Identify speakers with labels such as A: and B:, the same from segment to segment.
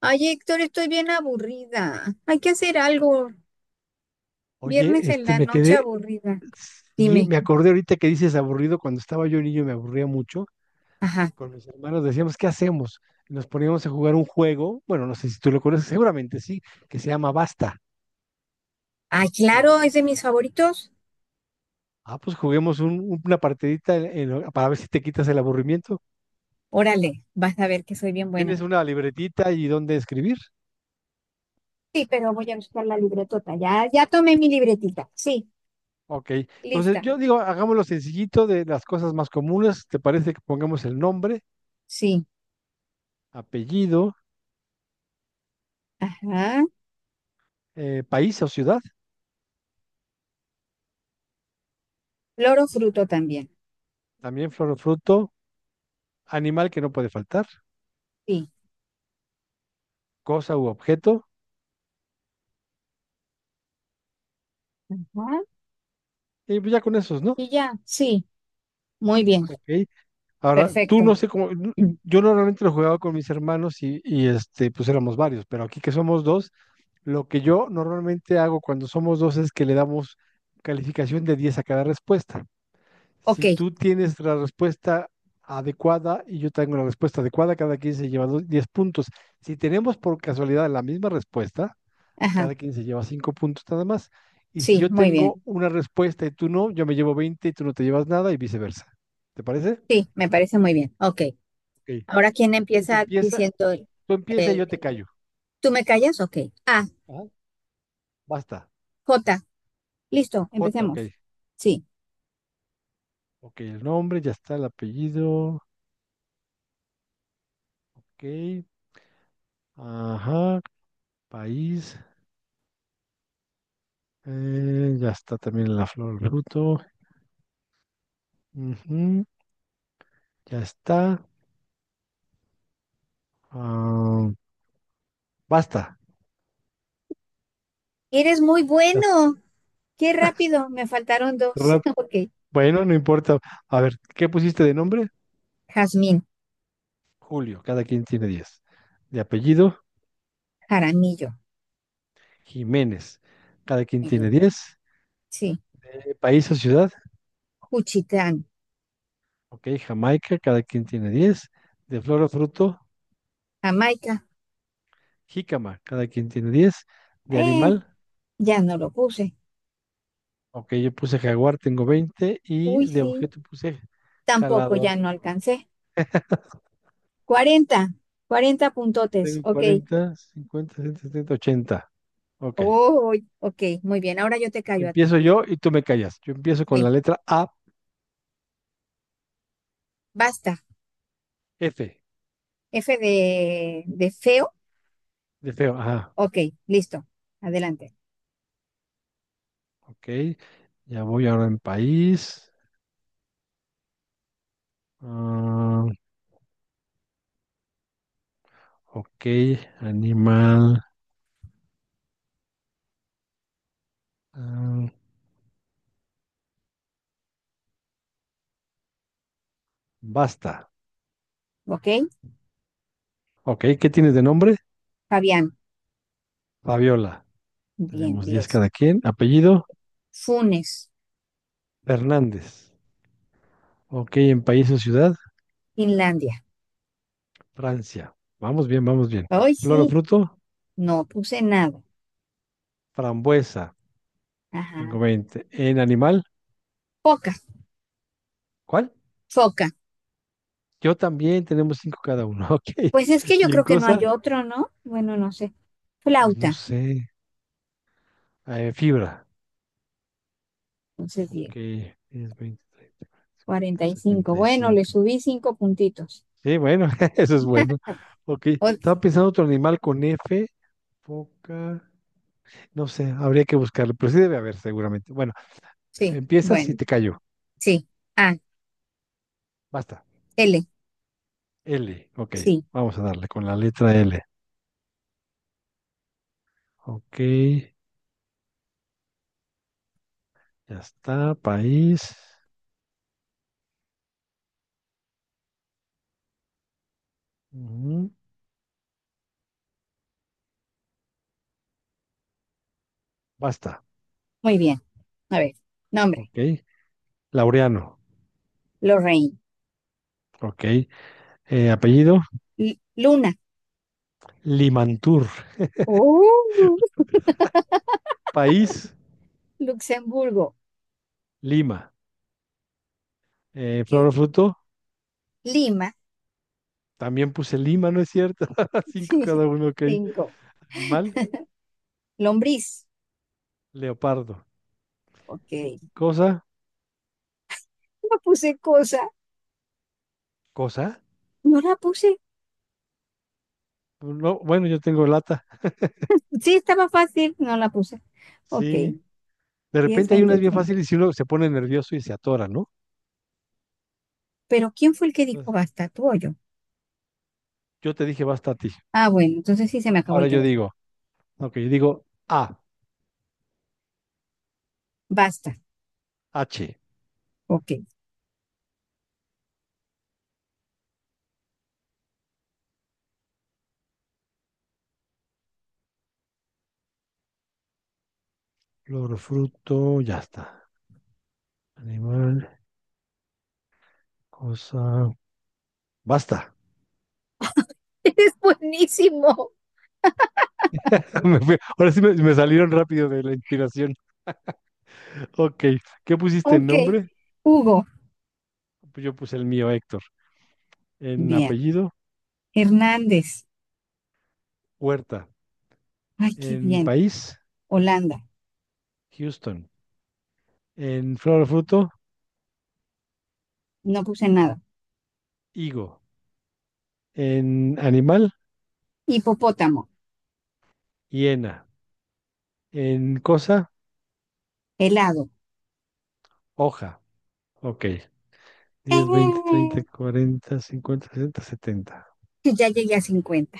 A: Ay, Héctor, estoy bien aburrida. Hay que hacer algo. Viernes
B: Oye,
A: en
B: este,
A: la
B: me
A: noche
B: quedé,
A: aburrida.
B: sí,
A: Dime.
B: me acordé ahorita que dices aburrido, cuando estaba yo niño me aburría mucho,
A: Ajá.
B: con mis hermanos decíamos, ¿qué hacemos? Y nos poníamos a jugar un juego, bueno, no sé si tú lo conoces, seguramente sí, que se llama Basta.
A: Ay,
B: ¿Lo
A: claro, es
B: conoces?
A: de mis favoritos.
B: Ah, pues juguemos una partidita para ver si te quitas el aburrimiento.
A: Órale, vas a ver que soy bien buena.
B: ¿Tienes una libretita y dónde escribir?
A: Sí, pero voy a buscar la libretota. Ya, ya tomé mi libretita. Sí,
B: Ok, entonces
A: lista.
B: yo digo, hagámoslo sencillito, de las cosas más comunes. ¿Te parece que pongamos el nombre,
A: Sí.
B: apellido,
A: Ajá.
B: país o ciudad?
A: Loro fruto también.
B: También flor o fruto, animal que no puede faltar,
A: Sí.
B: cosa u objeto,
A: Ajá.
B: y pues ya con esos, ¿no?
A: Y ya. Sí. Muy bien.
B: Ok. Ahora, tú no
A: Perfecto.
B: sé cómo.
A: Mm.
B: Yo normalmente lo jugaba con mis hermanos, y este, pues éramos varios, pero aquí que somos dos. Lo que yo normalmente hago cuando somos dos es que le damos calificación de 10 a cada respuesta.
A: Ok.
B: Si tú tienes la respuesta adecuada y yo tengo la respuesta adecuada, cada quien se lleva 10 puntos. Si tenemos por casualidad la misma respuesta,
A: Ajá.
B: cada quien se lleva cinco puntos nada más. Y si
A: Sí,
B: yo
A: muy
B: tengo
A: bien.
B: una respuesta y tú no, yo me llevo 20 y tú no te llevas nada, y viceversa. ¿Te parece?
A: Sí, me parece muy bien. Ok.
B: Ok.
A: Ahora, ¿quién
B: Y se
A: empieza
B: empieza,
A: diciendo
B: tú empieza y
A: el
B: yo te callo.
A: ¿Tú me callas? Ok. A,
B: Ajá. Basta.
A: J. Listo,
B: J, ok.
A: empecemos. Sí.
B: Ok, el nombre, ya está el apellido. Ok. Ajá. País. Ya está también la flor, el fruto. Ujú. Ya está. Ah, basta.
A: Eres muy
B: Ya
A: bueno. Qué
B: está.
A: rápido. Me faltaron dos.
B: Rap-
A: Ok.
B: Bueno, no importa. A ver, ¿qué pusiste de nombre?
A: Jazmín,
B: Julio, cada quien tiene 10. De apellido,
A: Jaramillo.
B: Jiménez, cada quien
A: Muy
B: tiene
A: bien.
B: 10.
A: Sí.
B: De país o ciudad,
A: Juchitán,
B: ok, Jamaica, cada quien tiene 10. De flor o fruto,
A: Jamaica.
B: jícama, cada quien tiene 10. De
A: Eh,
B: animal,
A: ya no lo puse.
B: ok, yo puse jaguar, tengo 20. Y
A: Uy,
B: de
A: sí.
B: objeto puse
A: Tampoco
B: jalador,
A: ya no alcancé. 40, 40 puntotes.
B: tengo
A: Ok.
B: 40, 50, 60, 70, 80. Ok,
A: Oh, ok. Muy bien. Ahora yo te callo a ti.
B: empiezo yo y tú me callas. Yo empiezo con
A: Sí.
B: la letra A.
A: Basta.
B: F,
A: F de feo.
B: de feo, ajá,
A: Ok. Listo. Adelante.
B: ok. Ya voy ahora en país. Ah, ok, animal. Ah, basta.
A: Ok.
B: Ok, ¿qué tienes de nombre?
A: Fabián.
B: Fabiola.
A: Bien,
B: Tenemos 10
A: 10,
B: cada quien. Apellido,
A: Funes,
B: Fernández. Ok, en país o ciudad,
A: Finlandia.
B: Francia. Vamos bien, vamos bien.
A: Hoy
B: Flor o
A: sí,
B: fruto,
A: no puse nada.
B: frambuesa. Tengo
A: Ajá.
B: 20. En animal,
A: Foca,
B: ¿cuál?
A: foca.
B: Yo también. Tenemos 5 cada uno. Ok.
A: Pues es que yo
B: ¿Y en
A: creo que no hay
B: cosa?
A: otro, ¿no? Bueno, no sé.
B: Pues no
A: Flauta.
B: sé. Fibra.
A: Entonces,
B: Ok,
A: diez,
B: 10, 20, 30, 20, 30,
A: 45.
B: sesenta y
A: Bueno, le
B: cinco.
A: subí 5 puntitos.
B: Sí, bueno, eso es bueno. Ok,
A: Ok,
B: estaba pensando otro animal con F, foca, no sé, habría que buscarlo, pero sí debe haber seguramente. Bueno,
A: sí,
B: empiezas y
A: bueno,
B: te cayó,
A: sí. A,
B: basta.
A: L,
B: L, ok,
A: sí.
B: vamos a darle con la letra L. Ok, ya está, país, ujú, basta,
A: Muy bien. A ver, nombre.
B: ok. Laureano,
A: Lorraine.
B: ok. Apellido,
A: L- Luna.
B: Limantur.
A: Oh.
B: País,
A: Luxemburgo.
B: Lima. Flor
A: Ok.
B: o fruto,
A: Lima.
B: también puse Lima, ¿no es cierto? Cinco cada uno, ok.
A: 5.
B: Animal.
A: Lombriz.
B: Leopardo.
A: Ok.
B: Y cosa,
A: No puse cosa,
B: cosa.
A: no la puse.
B: No, bueno, yo tengo lata.
A: Sí, estaba fácil, no la puse. Ok,
B: Sí. De
A: 10,
B: repente hay
A: 20,
B: unas bien
A: 30.
B: fáciles y si uno se pone nervioso y se atora, ¿no?
A: Pero ¿quién fue el que dijo
B: Entonces,
A: basta? ¿Tú o yo?
B: yo te dije basta a ti.
A: Ah, bueno, entonces sí se me acabó el
B: Ahora yo
A: tiempo.
B: digo, ok, yo digo A,
A: Basta.
B: H.
A: Ok.
B: Flor, fruto, ya está. Animal, cosa. Basta.
A: Eres buenísimo.
B: Ahora sí me salieron rápido de la inspiración. Ok. ¿Qué pusiste en
A: Ok.
B: nombre?
A: Hugo.
B: Pues yo puse el mío, Héctor. En
A: Bien.
B: apellido,
A: Hernández.
B: Huerta.
A: Ay, qué
B: En
A: bien.
B: país,
A: Holanda.
B: Houston. En flor o fruto,
A: No puse nada.
B: higo. En animal,
A: Hipopótamo.
B: hiena. En cosa,
A: Helado.
B: hoja. Ok. 10, veinte,
A: ¡Eh!
B: treinta, 40, 50, sesenta, setenta.
A: Ya llegué a 50.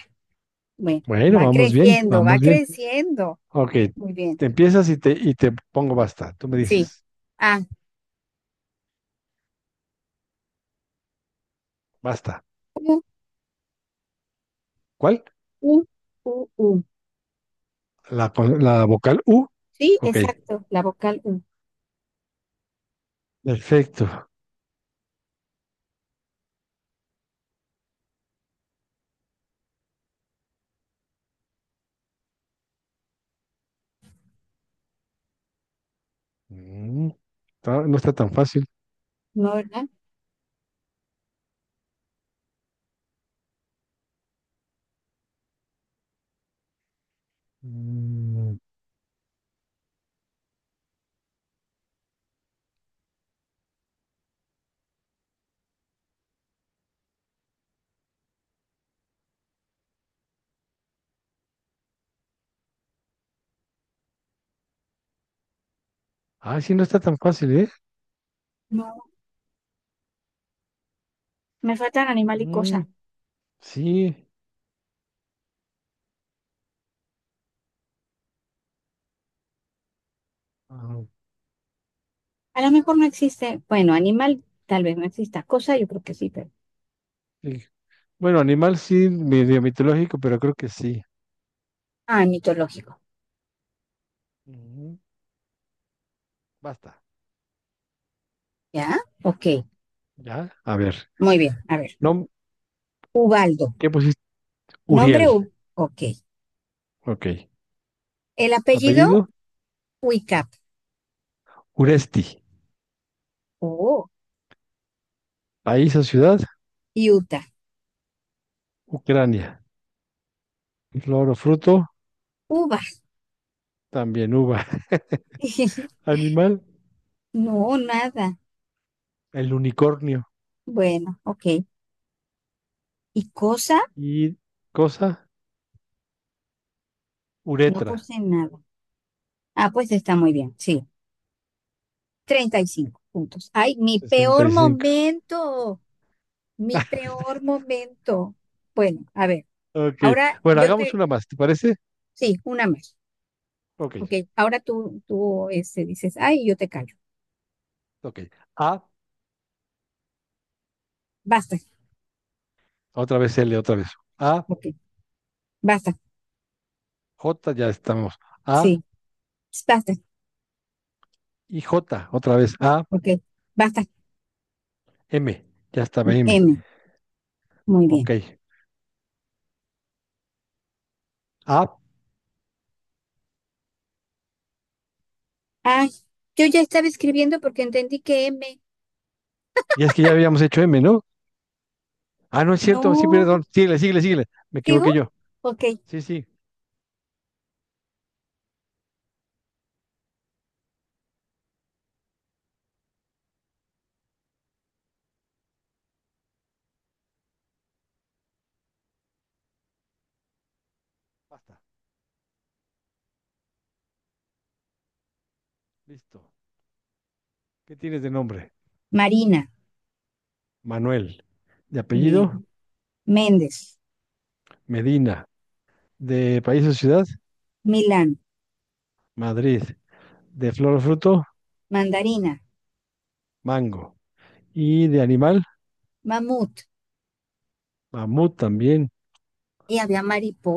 A: Bueno,
B: Bueno,
A: va
B: vamos bien,
A: creciendo, va
B: vamos bien.
A: creciendo.
B: Ok.
A: Muy bien.
B: Te empiezas y te pongo basta. Tú me
A: Sí.
B: dices,
A: Ah,
B: basta. ¿Cuál?
A: U, U, U.
B: La, la vocal U.
A: Sí,
B: Ok.
A: exacto, la vocal U,
B: Perfecto. Mm, no está tan fácil.
A: ¿no, verdad?
B: Mm, Ah, sí, no está tan fácil, ¿eh?
A: No, me faltan animal y
B: Mm,
A: cosa.
B: sí. Ah,
A: A lo mejor no existe, bueno, animal tal vez no exista, cosa yo creo que sí, pero...
B: ok. Bueno, animal sí, medio mitológico, pero creo que sí.
A: Ah, mitológico,
B: Ujú. Basta.
A: ¿ya? Ok,
B: ¿Ya? A ver.
A: muy bien, a ver.
B: No,
A: Ubaldo,
B: ¿qué pusiste?
A: nombre
B: Uriel.
A: U, ok.
B: Ok.
A: El apellido
B: Apellido,
A: Uicap,
B: Uresti.
A: oh,
B: País o ciudad,
A: y Utah,
B: Ucrania. Flor o fruto,
A: uva.
B: también uva. Animal,
A: No, nada.
B: el unicornio.
A: Bueno, ok. ¿Y cosa?
B: Y cosa,
A: No
B: uretra.
A: puse nada. Ah, pues está muy bien, sí. 35 puntos. Ay, mi
B: Sesenta
A: peor
B: y cinco.
A: momento, mi peor momento. Bueno, a ver,
B: Ok.
A: ahora
B: Bueno,
A: yo
B: hagamos
A: te,
B: una más, ¿te parece?
A: sí, una más.
B: Ok,
A: Ok, ahora tú, tú dices, ay, yo te callo.
B: ok. A,
A: Basta,
B: otra vez L, otra vez. A,
A: ok, basta,
B: J, ya estamos. A
A: sí, basta,
B: y J, otra vez. A,
A: ok, basta.
B: M, ya estaba M.
A: M, muy
B: Ok.
A: bien.
B: Ah,
A: Ay, yo ya estaba escribiendo porque entendí que M,
B: y es que ya habíamos hecho M, ¿no? Ah, no es cierto, sí,
A: no,
B: perdón. Síguele, síguele, síguele. Me
A: digo,
B: equivoqué yo.
A: ok.
B: Sí, sí, basta. Listo. ¿Qué tienes de nombre?
A: Marina,
B: Manuel. De apellido,
A: bien. Méndez,
B: Medina. De país o ciudad,
A: Milán,
B: Madrid. De flor o fruto,
A: Mandarina,
B: mango. Y de animal,
A: Mamut,
B: mamut también.
A: y había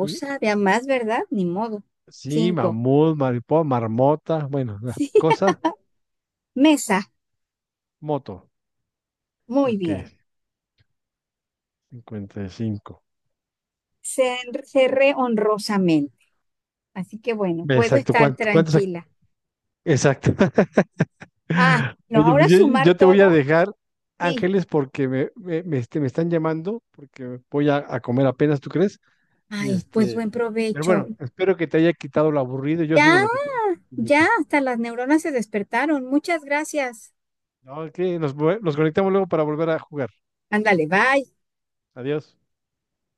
B: Y
A: había más, ¿verdad? Ni modo.
B: sí,
A: 5.
B: mamut, mariposa, marmota, bueno, la
A: Sí.
B: cosa,
A: Mesa.
B: moto.
A: Muy
B: Ok,
A: bien.
B: 55.
A: Se Cerré honrosamente. Así que bueno,
B: Ve,
A: puedo
B: exacto,
A: estar
B: ¿cuántos?
A: tranquila.
B: Exacto.
A: Ah, no,
B: Oye,
A: ahora
B: pues yo,
A: sumar
B: yo te voy a
A: todo.
B: dejar,
A: Sí.
B: Ángeles, porque me están llamando, porque voy a comer apenas, ¿tú crees? Y
A: Ay, pues
B: este,
A: buen
B: pero
A: provecho.
B: bueno, espero que te haya quitado lo aburrido, yo sí
A: Ya,
B: me lo quité mucho.
A: ya, hasta las neuronas se despertaron. Muchas gracias.
B: No, ok, nos conectamos luego para volver a jugar.
A: Ándale, bye.
B: Adiós.